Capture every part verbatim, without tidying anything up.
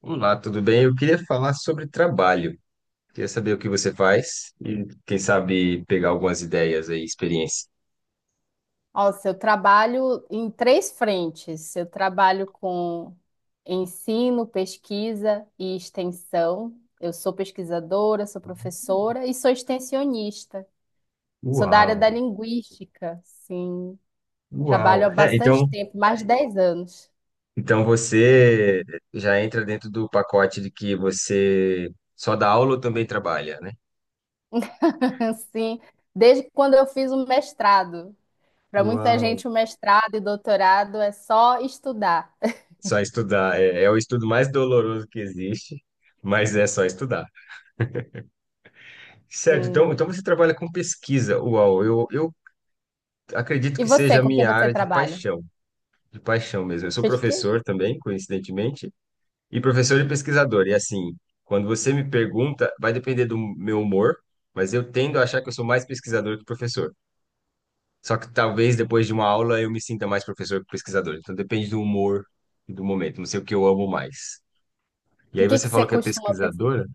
Olá, tudo bem? Eu queria falar sobre trabalho. Queria saber o que você faz e, quem sabe, pegar algumas ideias aí, experiência. Nossa, eu trabalho em três frentes. Eu trabalho com ensino, pesquisa e extensão. Eu sou pesquisadora, sou professora e sou extensionista. Sou da área da Uau, linguística, sim. Trabalho uau. há É, bastante então, tempo, mais de dez anos. então você já entra dentro do pacote de que você só dá aula ou também trabalha, né? Sim, desde quando eu fiz o mestrado. Para muita Uau. gente, o mestrado e doutorado é só estudar. Só estudar. É, é o estudo mais doloroso que existe, mas é só estudar. Certo, então, então Sim. você trabalha com pesquisa. Uau, eu, eu acredito E que seja você, a com quem minha você área de trabalha? paixão. De paixão mesmo. Eu sou Pesquisa? professor também, coincidentemente, e professor e pesquisador. E assim, quando você me pergunta, vai depender do meu humor, mas eu tendo a achar que eu sou mais pesquisador que professor. Só que talvez depois de uma aula eu me sinta mais professor que pesquisador. Então depende do humor e do momento. Não sei o que eu amo mais. E O aí que que você você falou que é costuma pesquisadora?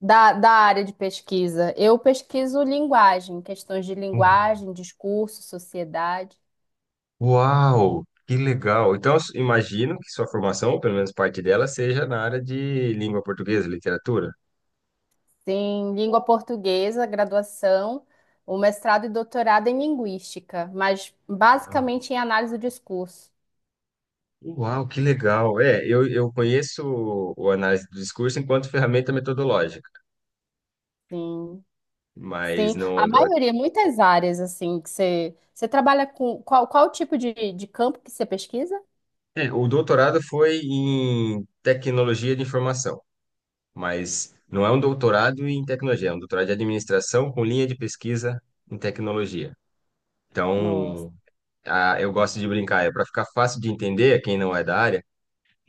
Da, da área de pesquisa. Eu pesquiso linguagem, questões de Uhum. linguagem, discurso, sociedade. Uau! Que legal! Então, eu s- imagino que sua formação, ou pelo menos parte dela, seja na área de língua portuguesa, literatura. Tem língua portuguesa, graduação, o mestrado e doutorado em linguística, mas basicamente em análise do discurso. Uau, que legal. É, eu, eu conheço o, o análise do discurso enquanto ferramenta metodológica, Sim, mas sim. A não. não- maioria, muitas áreas, assim, que você, você trabalha com... Qual, qual tipo de, de campo que você pesquisa? é, o doutorado foi em tecnologia de informação, mas não é um doutorado em tecnologia, é um doutorado de administração com linha de pesquisa em tecnologia. Nossa. Então, ah, eu gosto de brincar, é para ficar fácil de entender quem não é da área.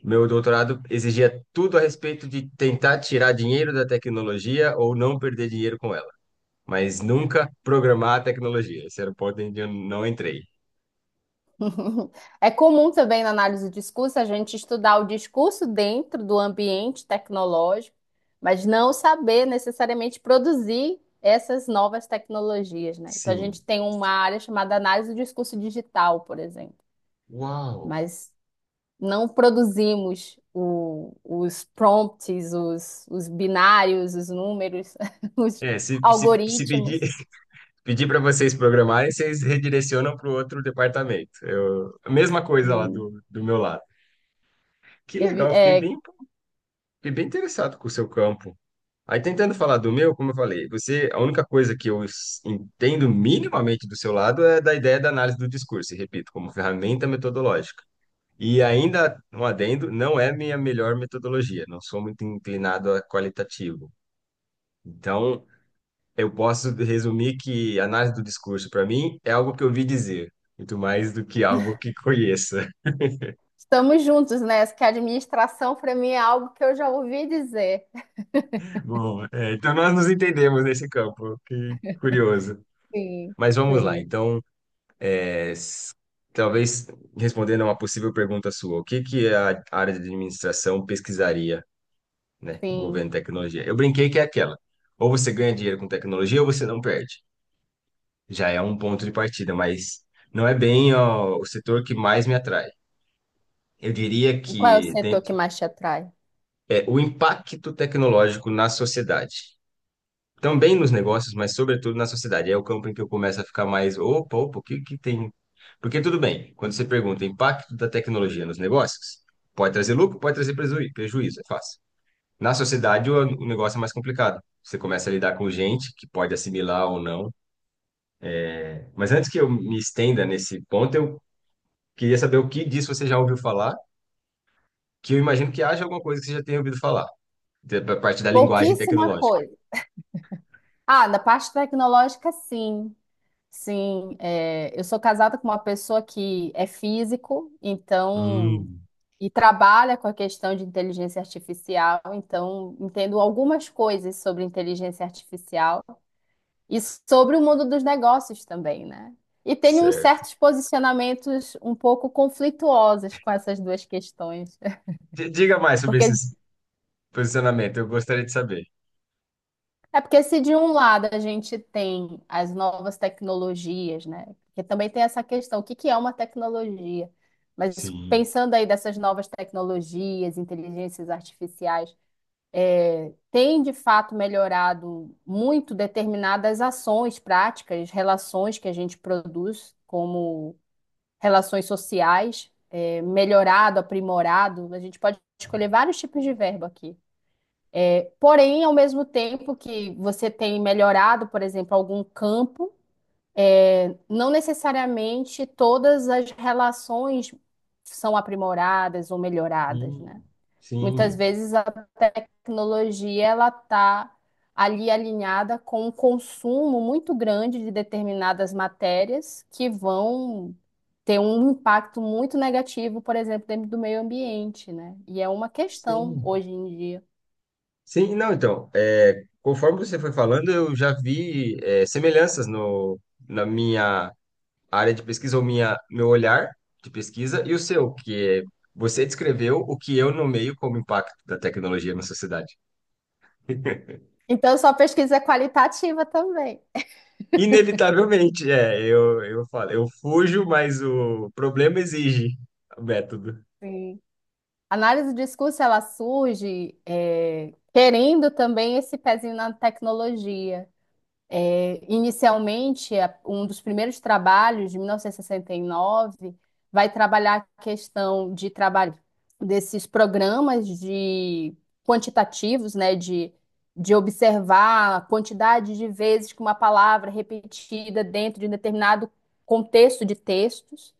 Meu doutorado exigia tudo a respeito de tentar tirar dinheiro da tecnologia ou não perder dinheiro com ela, mas nunca programar a tecnologia. Esse era o ponto onde eu não entrei. Uhum. É comum também na análise do discurso a gente estudar o discurso dentro do ambiente tecnológico, mas não saber necessariamente produzir essas novas tecnologias, né? Então a gente Sim. tem uma área chamada análise do discurso digital, por exemplo, Uau! mas não produzimos o- os prompts, os, os binários, os números, os É, se, se, se pedir, algoritmos. pedir para vocês programarem, vocês redirecionam para o outro departamento. Eu, a mesma coisa lá Sim. do, do meu lado. Que legal, fiquei bem, fiquei bem interessado com o seu campo. Aí tentando falar do meu, como eu falei, você, a única coisa que eu s- entendo minimamente do seu lado é da ideia da análise do discurso, e repito, como ferramenta metodológica. E ainda, um adendo, não é minha melhor metodologia, não sou muito inclinado a qualitativo. Então, eu posso resumir que análise do discurso, para mim, é algo que eu ouvi dizer, muito mais do que algo que conheça. Estamos juntos, né? Que a administração para mim é algo que eu já ouvi dizer. Bom, é, então nós nos entendemos nesse campo, que curioso. Sim, Mas vamos lá, sim, então, é, s- talvez respondendo a uma possível pergunta sua, o que que a área de administração pesquisaria, né, sim. envolvendo tecnologia? Eu brinquei que é aquela, ou você ganha dinheiro com tecnologia ou você não perde. Já é um ponto de partida, mas não é bem ó, o setor que mais me atrai. Eu diria E qual é o que setor dentro, que mais te atrai? é o impacto tecnológico na sociedade. Também nos negócios, mas sobretudo na sociedade. É o campo em que eu começo a ficar mais, opa, opa, o que que tem? Porque tudo bem, quando você pergunta impacto da tecnologia nos negócios, pode trazer lucro, pode trazer prejuí- prejuízo, é fácil. Na sociedade, o o negócio é mais complicado. Você começa a lidar com gente que pode assimilar ou não. Mas antes que eu me estenda nesse ponto, eu queria saber o que disso você já ouviu falar, que eu imagino que haja alguma coisa que você já tenha ouvido falar, de- da parte da linguagem Pouquíssima tecnológica. coisa. Ah, na parte tecnológica, sim. Sim, é, eu sou casada com uma pessoa que é físico, então, Hum. e trabalha com a questão de inteligência artificial, então entendo algumas coisas sobre inteligência artificial. E sobre o mundo dos negócios também, né? E tem uns Certo. certos posicionamentos um pouco conflituosos com essas duas questões. D- Diga mais sobre esse Porque posicionamento, eu gostaria de saber. é porque se de um lado a gente tem as novas tecnologias, né? Porque também tem essa questão, o que que é uma tecnologia? Mas Sim. pensando aí dessas novas tecnologias, inteligências artificiais, é, tem de fato melhorado muito determinadas ações, práticas, relações que a gente produz como relações sociais, é, melhorado, aprimorado. A gente pode escolher vários tipos de verbo aqui. Porém, ao mesmo tempo que você tem melhorado, por exemplo, algum campo, é, não necessariamente todas as relações são aprimoradas ou melhoradas, né? Sim. Muitas Sim. vezes a tecnologia ela está ali alinhada com um consumo muito grande de determinadas matérias que vão ter um impacto muito negativo, por exemplo, dentro do meio ambiente, né? E é uma questão Sim. hoje em dia. Sim, não, então, é, conforme você foi falando, eu já vi é, semelhanças no, na minha área de pesquisa, ou minha, meu olhar de pesquisa, e o seu, que é, você descreveu o que eu nomeio como impacto da tecnologia na sociedade. Então, sua pesquisa é qualitativa também. Inevitavelmente, é, eu, eu falo, eu fujo, mas o problema exige o método. Sim. A análise do discurso ela surge eh, querendo também esse pezinho na tecnologia. É, inicialmente, a- um dos primeiros trabalhos, de mil novecentos e sessenta e nove, vai trabalhar a questão de trabalho desses programas de quantitativos, né, de, de observar a quantidade de vezes que uma palavra é repetida dentro de um determinado contexto de textos,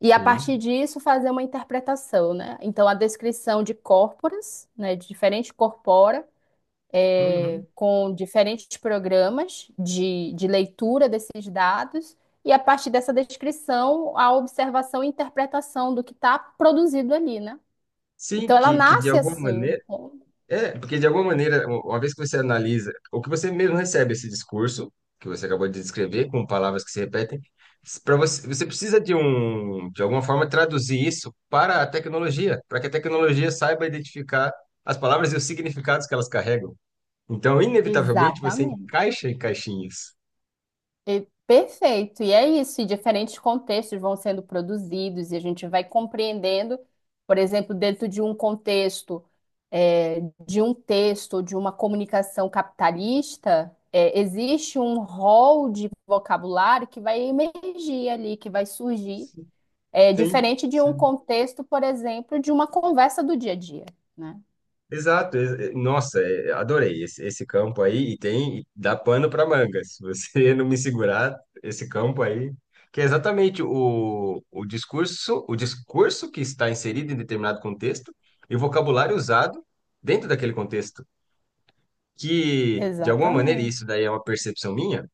e a partir Sim. disso fazer uma interpretação, né? Então, a descrição de corporas, né, de diferentes corpora, é, Uhum. com diferentes programas de, de leitura desses dados, e a partir dessa descrição, a observação e interpretação do que está produzido ali, né? Então Sim, ela que, que de nasce alguma assim. maneira. É, porque de alguma maneira, u- uma vez que você analisa, ou que você mesmo recebe esse discurso, que você acabou de descrever, com palavras que se repetem, para você, você precisa de um, de alguma forma, traduzir isso para a tecnologia, para que a tecnologia saiba identificar as palavras e os significados que elas carregam. Então, inevitavelmente, você Exatamente. encaixa em caixinhas. E- perfeito. E é isso. E diferentes contextos vão sendo produzidos e a gente vai compreendendo, por exemplo, dentro de um contexto, é, de um texto, de uma comunicação capitalista, é, existe um rol de vocabulário que vai emergir ali, que vai surgir, é, Sim, diferente de um sim. contexto, por exemplo, de uma conversa do dia a dia, né? Exato. e- e- Nossa, é, adorei esse, esse campo aí e tem e dá pano para manga. Se você não me segurar esse campo aí, que é exatamente o, o discurso, o discurso que está inserido em determinado contexto e o vocabulário usado dentro daquele contexto, que de alguma maneira e Exatamente. isso daí é uma percepção minha,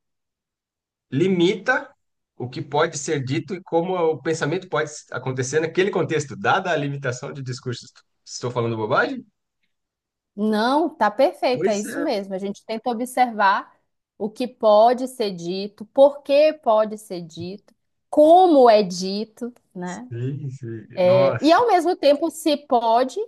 limita o que pode ser dito e como o pensamento pode acontecer naquele contexto, dada a limitação de discursos. Estou falando bobagem? Não, tá perfeito, é Pois isso é. mesmo. A gente tenta observar o que pode ser dito, por que pode ser dito, como é dito, né? Sim, sim. É, e Nossa, ao mesmo tempo, se pode,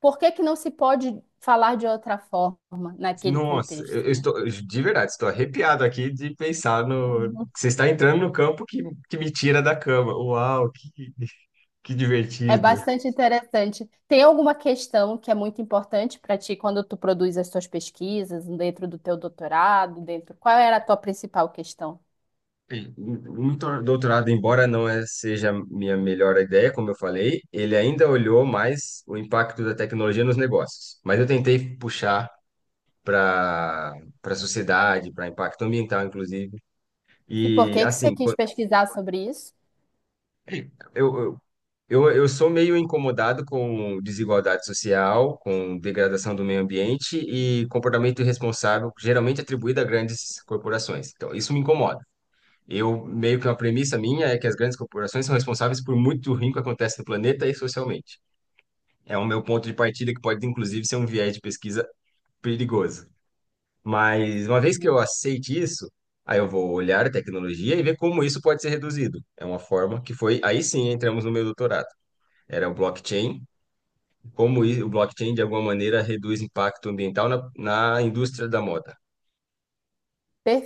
por que que não se pode falar de outra forma naquele nossa, eu contexto, eu né? estou de verdade, estou arrepiado aqui de pensar no. Uhum. que você está entrando no campo que, que me tira da cama. Uau, que, que É divertido. bastante interessante. Tem alguma questão que é muito importante para ti quando tu produz as tuas pesquisas dentro do teu doutorado, dentro... Qual era a tua principal questão? Bem, Um tor- doutorado, embora não é- seja minha melhor ideia, como eu falei, ele ainda olhou mais o impacto da tecnologia nos negócios. Mas eu tentei puxar para para a sociedade, para impacto ambiental, inclusive. E por E que que você assim, quis pesquisar sobre isso? Eu, eu, eu, eu sou meio incomodado com desigualdade social, com degradação do meio ambiente e comportamento irresponsável, geralmente atribuído a grandes corporações. Então, isso me incomoda. Eu, meio que uma premissa minha é que as grandes corporações são responsáveis por muito ruim que acontece no planeta e socialmente. É o meu ponto de partida que pode, inclusive, ser um viés de pesquisa perigoso. Mas, uma vez que eu aceite isso, aí eu vou olhar a tecnologia e ver como isso pode ser reduzido. É uma forma que foi, aí sim entramos no meu doutorado, era o blockchain, como i- o blockchain de alguma maneira reduz impacto ambiental na, na indústria da moda,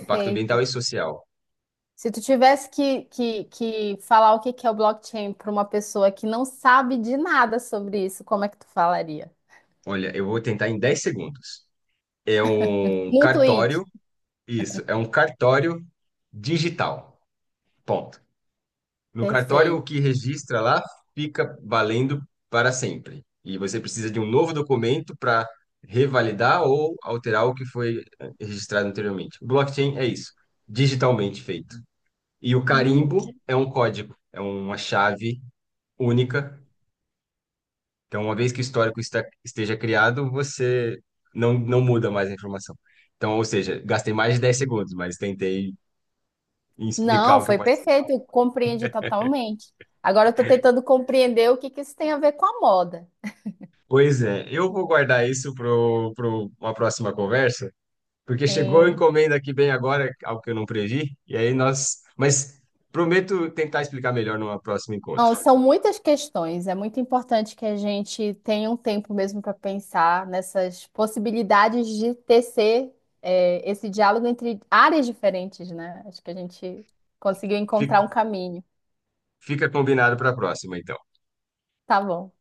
impacto ambiental e social. Se tu tivesse que, que, que falar o que que é o blockchain para uma pessoa que não sabe de nada sobre isso, como é que tu falaria? Olha, eu vou tentar em dez segundos. É um Num tweet. cartório, isso, é um cartório digital. Ponto. No cartório, Perfeito. o que registra lá fica valendo para sempre. E você precisa de um novo documento para revalidar ou alterar o que foi eh, registrado anteriormente. O Blockchain é isso, digitalmente feito. E o Hum. carimbo é um código, é uma chave única. Então, uma vez que o histórico está- esteja criado, você não, não muda mais a informação. Então, ou seja, gastei mais de dez segundos, mas tentei explicar Não, o que foi pode ser. perfeito. Eu compreendi totalmente. Agora eu estou tentando compreender o que que isso tem a ver com a moda. Pois é, eu vou guardar isso para uma próxima conversa, porque chegou a Sim. encomenda aqui bem agora, algo que eu não previ, e aí nós. Mas prometo tentar explicar melhor numa próxima encontro. Não, são muitas questões. É muito importante que a gente tenha um tempo mesmo para pensar nessas possibilidades de tecer, é, esse diálogo entre áreas diferentes, né? Acho que a gente conseguiu encontrar Fi- um caminho. Fica combinado para a próxima, então. Tá bom.